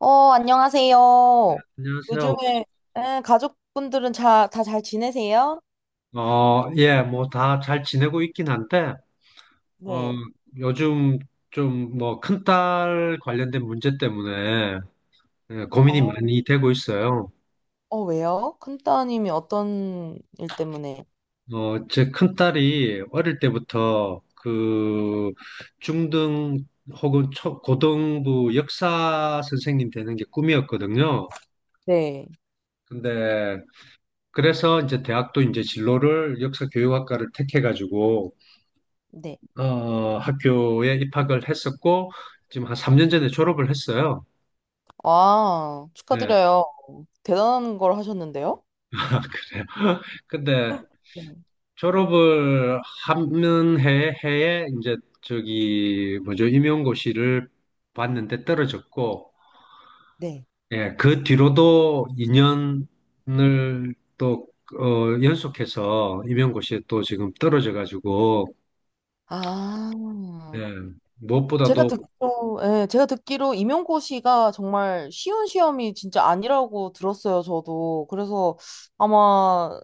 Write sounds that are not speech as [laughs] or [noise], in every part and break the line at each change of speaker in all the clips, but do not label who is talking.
안녕하세요.
안녕하세요.
요즘에 가족분들은 다 잘 지내세요?
예, 뭐 다 잘 지내고 있긴 한데, 어,
네.
요즘 좀 뭐 큰딸 관련된 문제 때문에 예, 고민이
어,
많이 되고 있어요.
왜요? 큰따님이 어떤 일 때문에?
제 큰딸이 어릴 때부터 그 중등 혹은 초, 고등부 역사 선생님 되는 게 꿈이었거든요.
네.
근데 그래서 이제 대학도 이제 진로를 역사 교육학과를 택해가지고
네.
학교에 입학을 했었고, 지금 한 3년 전에 졸업을 했어요.
아,
네.
축하드려요. 대단한 걸 하셨는데요?
그래요. 근데
네.
졸업을 하는 해에 이제 저기, 뭐죠, 임용고시를 봤는데 떨어졌고,
네.
예, 그 뒤로도 2년을 또, 연속해서 임용고시에 또 지금 떨어져가지고,
아,
예,
제가
무엇보다도
듣기로, 예, 제가 듣기로 임용고시가 정말 쉬운 시험이 진짜 아니라고 들었어요, 저도. 그래서 아마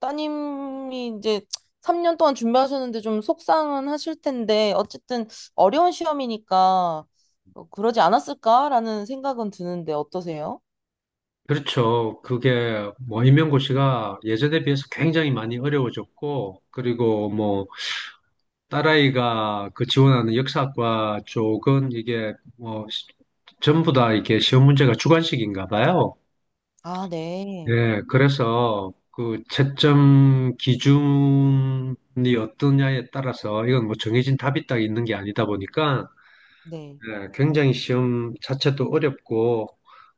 따님이 이제 3년 동안 준비하셨는데 좀 속상은 하실 텐데, 어쨌든 어려운 시험이니까 그러지 않았을까라는 생각은 드는데 어떠세요?
그렇죠. 그게 뭐 임명고 시가 예전에 비해서 굉장히 많이 어려워졌고, 그리고 뭐 딸아이가 그 지원하는 역사학과 쪽은 이게 뭐 전부 다 이게 시험 문제가 주관식인가 봐요.
아, 네.
예, 그래서 그 채점 기준이 어떠냐에 따라서 이건 뭐 정해진 답이 딱 있는 게 아니다 보니까
네.
네, 굉장히 시험 자체도 어렵고,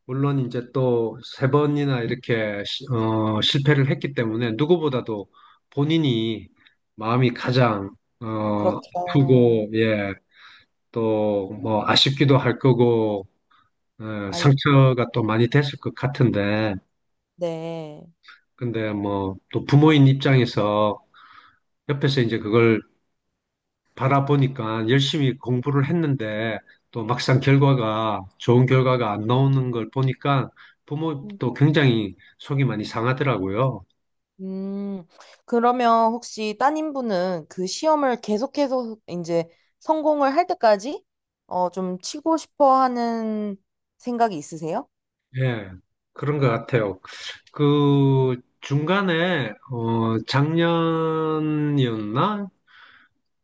물론 이제 또 세 번이나 이렇게 실패를 했기 때문에 누구보다도 본인이 마음이 가장
그렇죠.
아프고, 예, 또 뭐 아쉽기도 할 거고, 예,
아이,
상처가 또 많이 됐을 것 같은데,
네.
근데 뭐 또 부모인 입장에서 옆에서 이제 그걸 바라보니까 열심히 공부를 했는데 또 막상 결과가 좋은 결과가 안 나오는 걸 보니까 부모도 굉장히 속이 많이 상하더라고요.
음, 그러면 혹시 따님분은 그 시험을 계속해서 이제 성공을 할 때까지 좀 치고 싶어 하는 생각이 있으세요?
예, 그런 것 같아요. 그 중간에 작년이었나?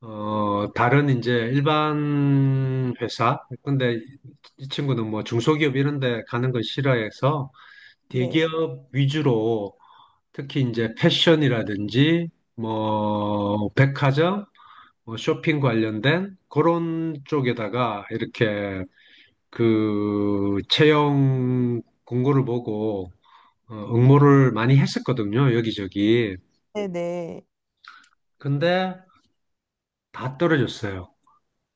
다른 이제 일반 회사 근데 이 친구는 뭐 중소기업 이런 데 가는 걸 싫어해서
네.
대기업 위주로 특히 이제 패션이라든지 뭐 백화점, 뭐 쇼핑 관련된 그런 쪽에다가 이렇게 그 채용 공고를 보고 응모를 많이 했었거든요. 여기저기.
네네.
근데 다 떨어졌어요.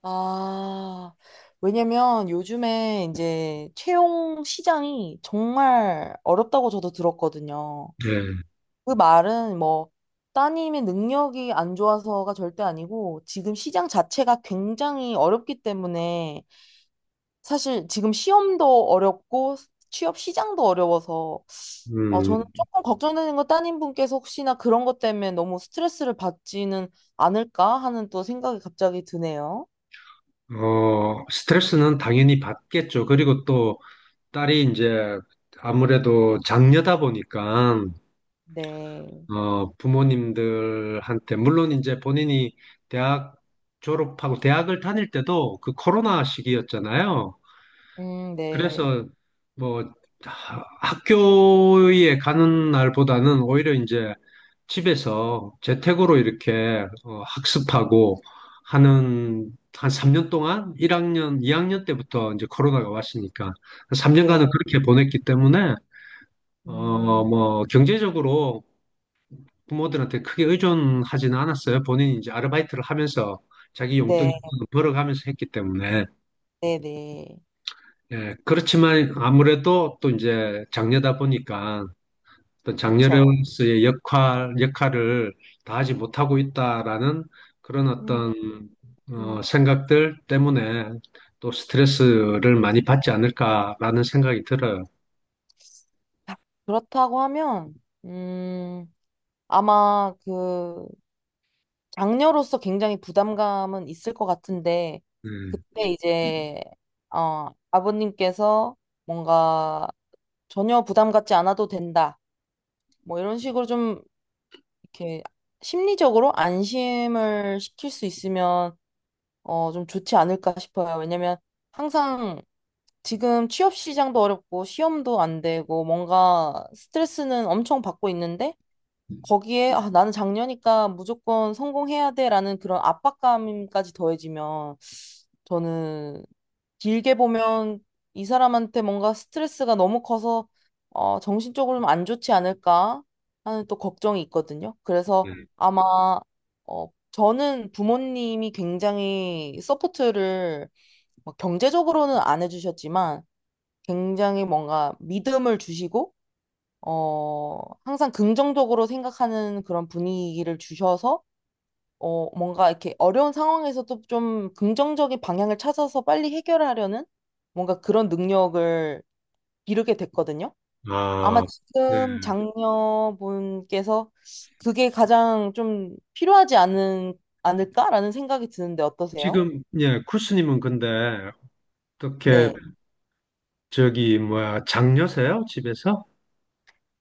아, 왜냐면 요즘에 이제 채용 시장이 정말 어렵다고 저도 들었거든요.
예.
그 말은 뭐 따님의 능력이 안 좋아서가 절대 아니고 지금 시장 자체가 굉장히 어렵기 때문에 사실 지금 시험도 어렵고 취업 시장도 어려워서 저는
음.
조금 걱정되는 건 따님분께서 혹시나 그런 것 때문에 너무 스트레스를 받지는 않을까 하는 또 생각이 갑자기 드네요.
스트레스는 당연히 받겠죠. 그리고 또 딸이 이제 아무래도 장녀다 보니까
네.
부모님들한테, 물론 이제 본인이 대학 졸업하고 대학을 다닐 때도 그 코로나 시기였잖아요.
네.
그래서 뭐 학교에 가는 날보다는 오히려 이제 집에서 재택으로 이렇게 학습하고 하는 한 3년 동안 1학년, 2학년 때부터 이제 코로나가 왔으니까 3년간은
네.
그렇게 보냈기 때문에
음,
뭐 경제적으로 부모들한테 크게 의존하지는 않았어요. 본인이 이제 아르바이트를 하면서 자기 용돈
네.
정도는 벌어가면서 했기 때문에.
네, 네.
예, 그렇지만 아무래도 또 이제 장녀다 보니까 어떤
그쵸.
장녀로서의 역할을 다하지 못하고 있다라는 그런
음,
어떤
음.
생각들 때문에 또 스트레스를 많이 받지 않을까라는 생각이 들어요.
아, 그렇다고 하면, 음, 아마 그 장녀로서 굉장히 부담감은 있을 것 같은데,
네,
그때 이제, 아버님께서 뭔가 전혀 부담 갖지 않아도 된다. 뭐 이런 식으로 좀 이렇게 심리적으로 안심을 시킬 수 있으면, 좀 좋지 않을까 싶어요. 왜냐면 항상 지금 취업 시장도 어렵고 시험도 안 되고 뭔가 스트레스는 엄청 받고 있는데 거기에 아, 나는 장녀니까 무조건 성공해야 돼라는 그런 압박감까지 더해지면 저는 길게 보면 이 사람한테 뭔가 스트레스가 너무 커서 정신적으로 는안 좋지 않을까 하는 또 걱정이 있거든요.
네.
그래서 아마 저는 부모님이 굉장히 서포트를 막 경제적으로는 안 해주셨지만 굉장히 뭔가 믿음을 주시고, 어, 항상 긍정적으로 생각하는 그런 분위기를 주셔서, 뭔가 이렇게 어려운 상황에서도 좀 긍정적인 방향을 찾아서 빨리 해결하려는 뭔가 그런 능력을 기르게 됐거든요. 아마
아, 네.
지금 장녀분께서 그게 가장 좀 필요하지 않은, 않을까라는 생각이 드는데 어떠세요?
지금, 예, 쿠스님은 근데 어떻게
네.
저기 뭐야 장녀세요? 집에서?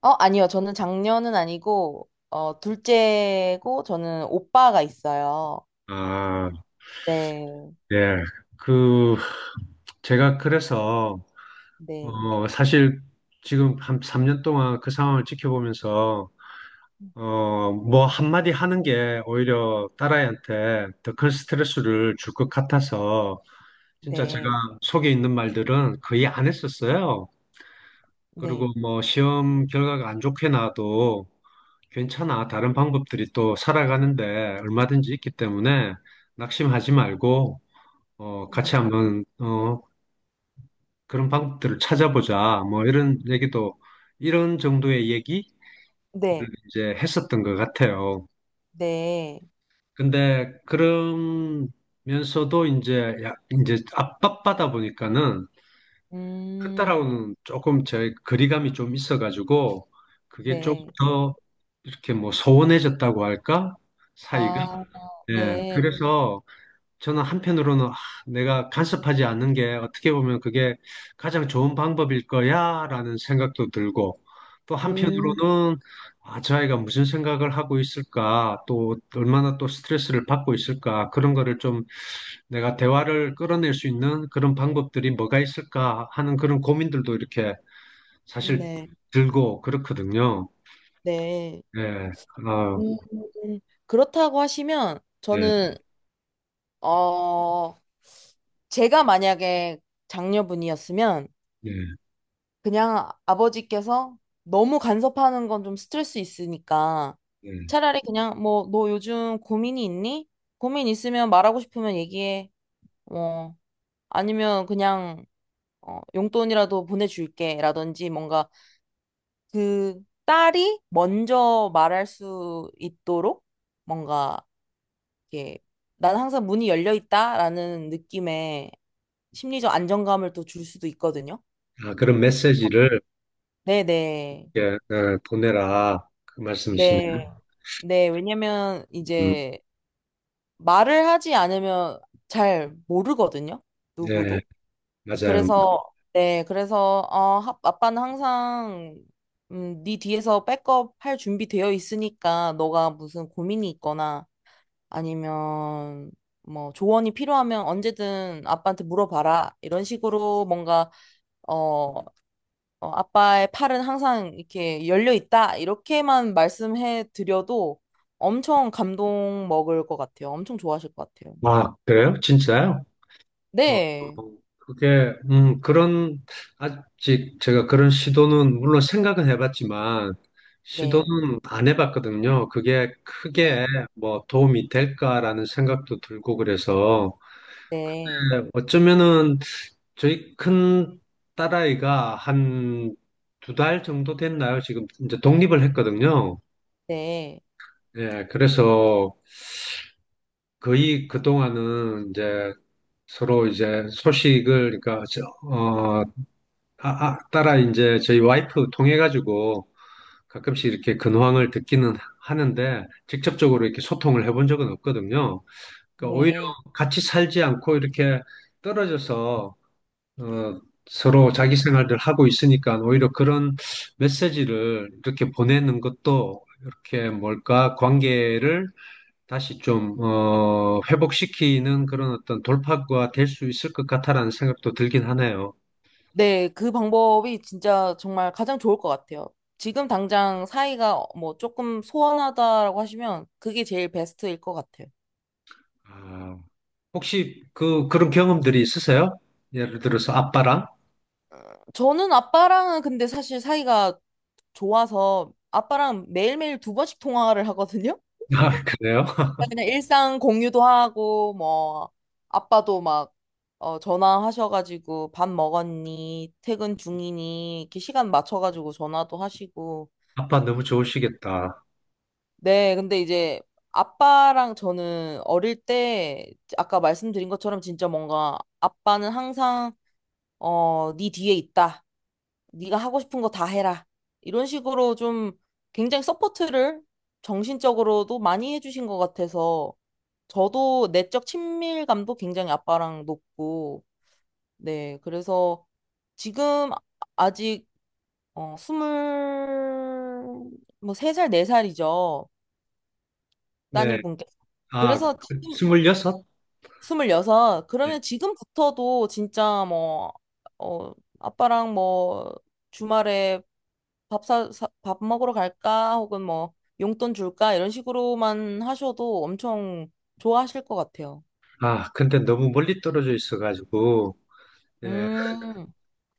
아니요. 저는 장녀는 아니고, 둘째고, 저는 오빠가 있어요.
아,
네,
네. 그 제가 그래서
네,
사실 지금 한 3년 동안 그 상황을 지켜보면서 뭐 한마디 하는 게 오히려 딸아이한테 더 큰 스트레스를 줄 것 같아서 진짜 제가
네,
속에 있는 말들은 거의 안 했었어요. 그리고
네,
뭐 시험 결과가 안 좋게 나와도 괜찮아. 다른 방법들이 또 살아가는데 얼마든지 있기 때문에 낙심하지 말고
네,
같이 한번 그런 방법들을 찾아보자. 뭐 이런 얘기도 이런 정도의 얘기
네,
이제 했었던 것 같아요.
네,
근데 그러면서도 이제 야, 이제 압박받아 보니까는
음,
큰딸하고는 조금 제 거리감이 좀 있어가지고 그게 조금
네,
더 이렇게 뭐 소원해졌다고 할까? 사이가.
아,
예.
네,
그래서 저는 한편으로는 아, 내가 간섭하지 않는 게 어떻게 보면 그게 가장 좋은 방법일 거야라는 생각도 들고 또
음,
한편으로는 아, 저 아이가 무슨 생각을 하고 있을까 또 얼마나 또 스트레스를 받고 있을까 그런 거를 좀 내가 대화를 끌어낼 수 있는 그런 방법들이 뭐가 있을까 하는 그런 고민들도 이렇게 사실
네,
들고 그렇거든요.
네.
예, 아,
음, 그렇다고 하시면,
예,
저는, 어, 제가 만약에 장녀분이었으면,
예,
그냥 아버지께서 너무 간섭하는 건 좀 스트레스 있으니까
예.
차라리 그냥 뭐 너 요즘 고민이 있니? 고민 있으면 말하고 싶으면 얘기해. 뭐 아니면 그냥 용돈이라도 보내줄게 라든지 뭔가 그 딸이 먼저 말할 수 있도록 뭔가 이렇게 난 항상 문이 열려 있다라는 느낌의 심리적 안정감을 또 줄 수도 있거든요.
아, 그런
그-
메시지를
네네.
예, 예, 보내라 그
네. 네.
말씀이시네요.
네, 왜냐면
음,
이제 말을 하지 않으면 잘 모르거든요.
네,
누구도.
맞아요.
그래서 네, 그래서 아빠는 항상 네 뒤에서 백업 할 준비 되어 있으니까 너가 무슨 고민이 있거나 아니면 뭐 조언이 필요하면 언제든 아빠한테 물어봐라. 이런 식으로 뭔가 어, 아빠의 팔은 항상 이렇게 열려 있다. 이렇게만 말씀해 드려도 엄청 감동 먹을 것 같아요. 엄청 좋아하실 것 같아요.
아, 그래요? 진짜요?
네,
그게, 그런, 아직 제가 그런 시도는, 물론 생각은 해봤지만,
네,
시도는 안 해봤거든요. 그게 크게
네,
뭐 도움이 될까라는 생각도 들고 그래서,
네,
네, 어쩌면은 저희 큰 딸아이가 한 두 달 정도 됐나요? 지금 이제 독립을 했거든요.
네,
예, 그래서 거의 그동안은 이제 서로 이제 소식을, 그러니까, 저, 어, 따라 이제 저희 와이프 통해가지고 가끔씩 이렇게 근황을 듣기는 하는데
네,
직접적으로 이렇게 소통을 해본 적은 없거든요. 그러니까 오히려
네.
같이 살지 않고 이렇게 떨어져서, 어, 서로
네,
자기 생활들 하고 있으니까 오히려 그런 메시지를 이렇게 보내는 것도 이렇게 뭘까, 관계를 다시 좀, 회복시키는 그런 어떤 돌파구가 될 수 있을 것 같다라는 생각도 들긴 하네요.
네. 그 방법이 진짜 정말 가장 좋을 것 같아요. 지금 당장 사이가 뭐 조금 소원하다라고 하시면 그게 제일 베스트일 것 같아요.
아, 혹시 그런 경험들이 있으세요? 예를 들어서 아빠랑?
저는 아빠랑은 근데 사실 사이가 좋아서 아빠랑 매일매일 두 번씩 통화를 하거든요.
아, 그래요? [laughs]
그냥 일상 공유도 하고 뭐 아빠도 막 전화하셔가지고 밥 먹었니 퇴근 중이니 이렇게 시간 맞춰가지고 전화도 하시고.
아빠 너무 좋으시겠다.
네, 근데 이제 아빠랑 저는 어릴 때 아까 말씀드린 것처럼 진짜 뭔가 아빠는 항상 네 뒤에 있다. 네가 하고 싶은 거 다 해라. 이런 식으로 좀 굉장히 서포트를 정신적으로도 많이 해주신 것 같아서 저도 내적 친밀감도 굉장히 아빠랑 높고, 네. 그래서 지금 아직 스물, 뭐, 세 살, 네 살이죠.
네.
따님분께서.
아,
그래서 지금,
26?
26.
네.
그러면 지금부터도 진짜 뭐, 어, 아빠랑 뭐, 주말에 밥 먹으러 갈까? 혹은 뭐, 용돈 줄까? 이런 식으로만 하셔도 엄청 좋아하실 것 같아요.
아, 근데 너무 멀리 떨어져 있어가지고, 네.
음,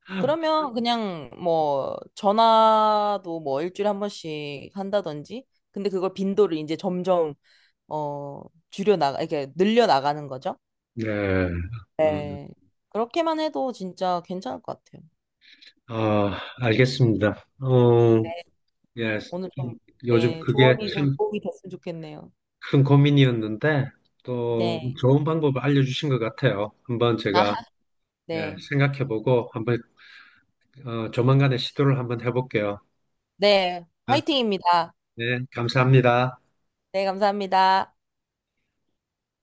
[laughs]
그러면 그냥 뭐, 전화도 뭐, 일주일에 한 번씩 한다든지. 근데 그걸 빈도를 이제 점점, 어, 줄여나가, 이렇게 늘려나가는 거죠.
네. 음,
네. 그렇게만 해도 진짜 괜찮을 것 같아요.
어, 알겠습니다. 예.
오늘
음,
좀,
요즘
네,
그게
조언이 좀
참
도움이 됐으면 좋겠네요.
큰 고민이었는데 또
네.
좋은 방법을 알려주신 것 같아요. 한번
아,
제가 예,
네.
생각해보고 한번 조만간에 시도를 한번 해볼게요.
네.
네,
화이팅입니다.
네, 감사합니다.
네, 감사합니다.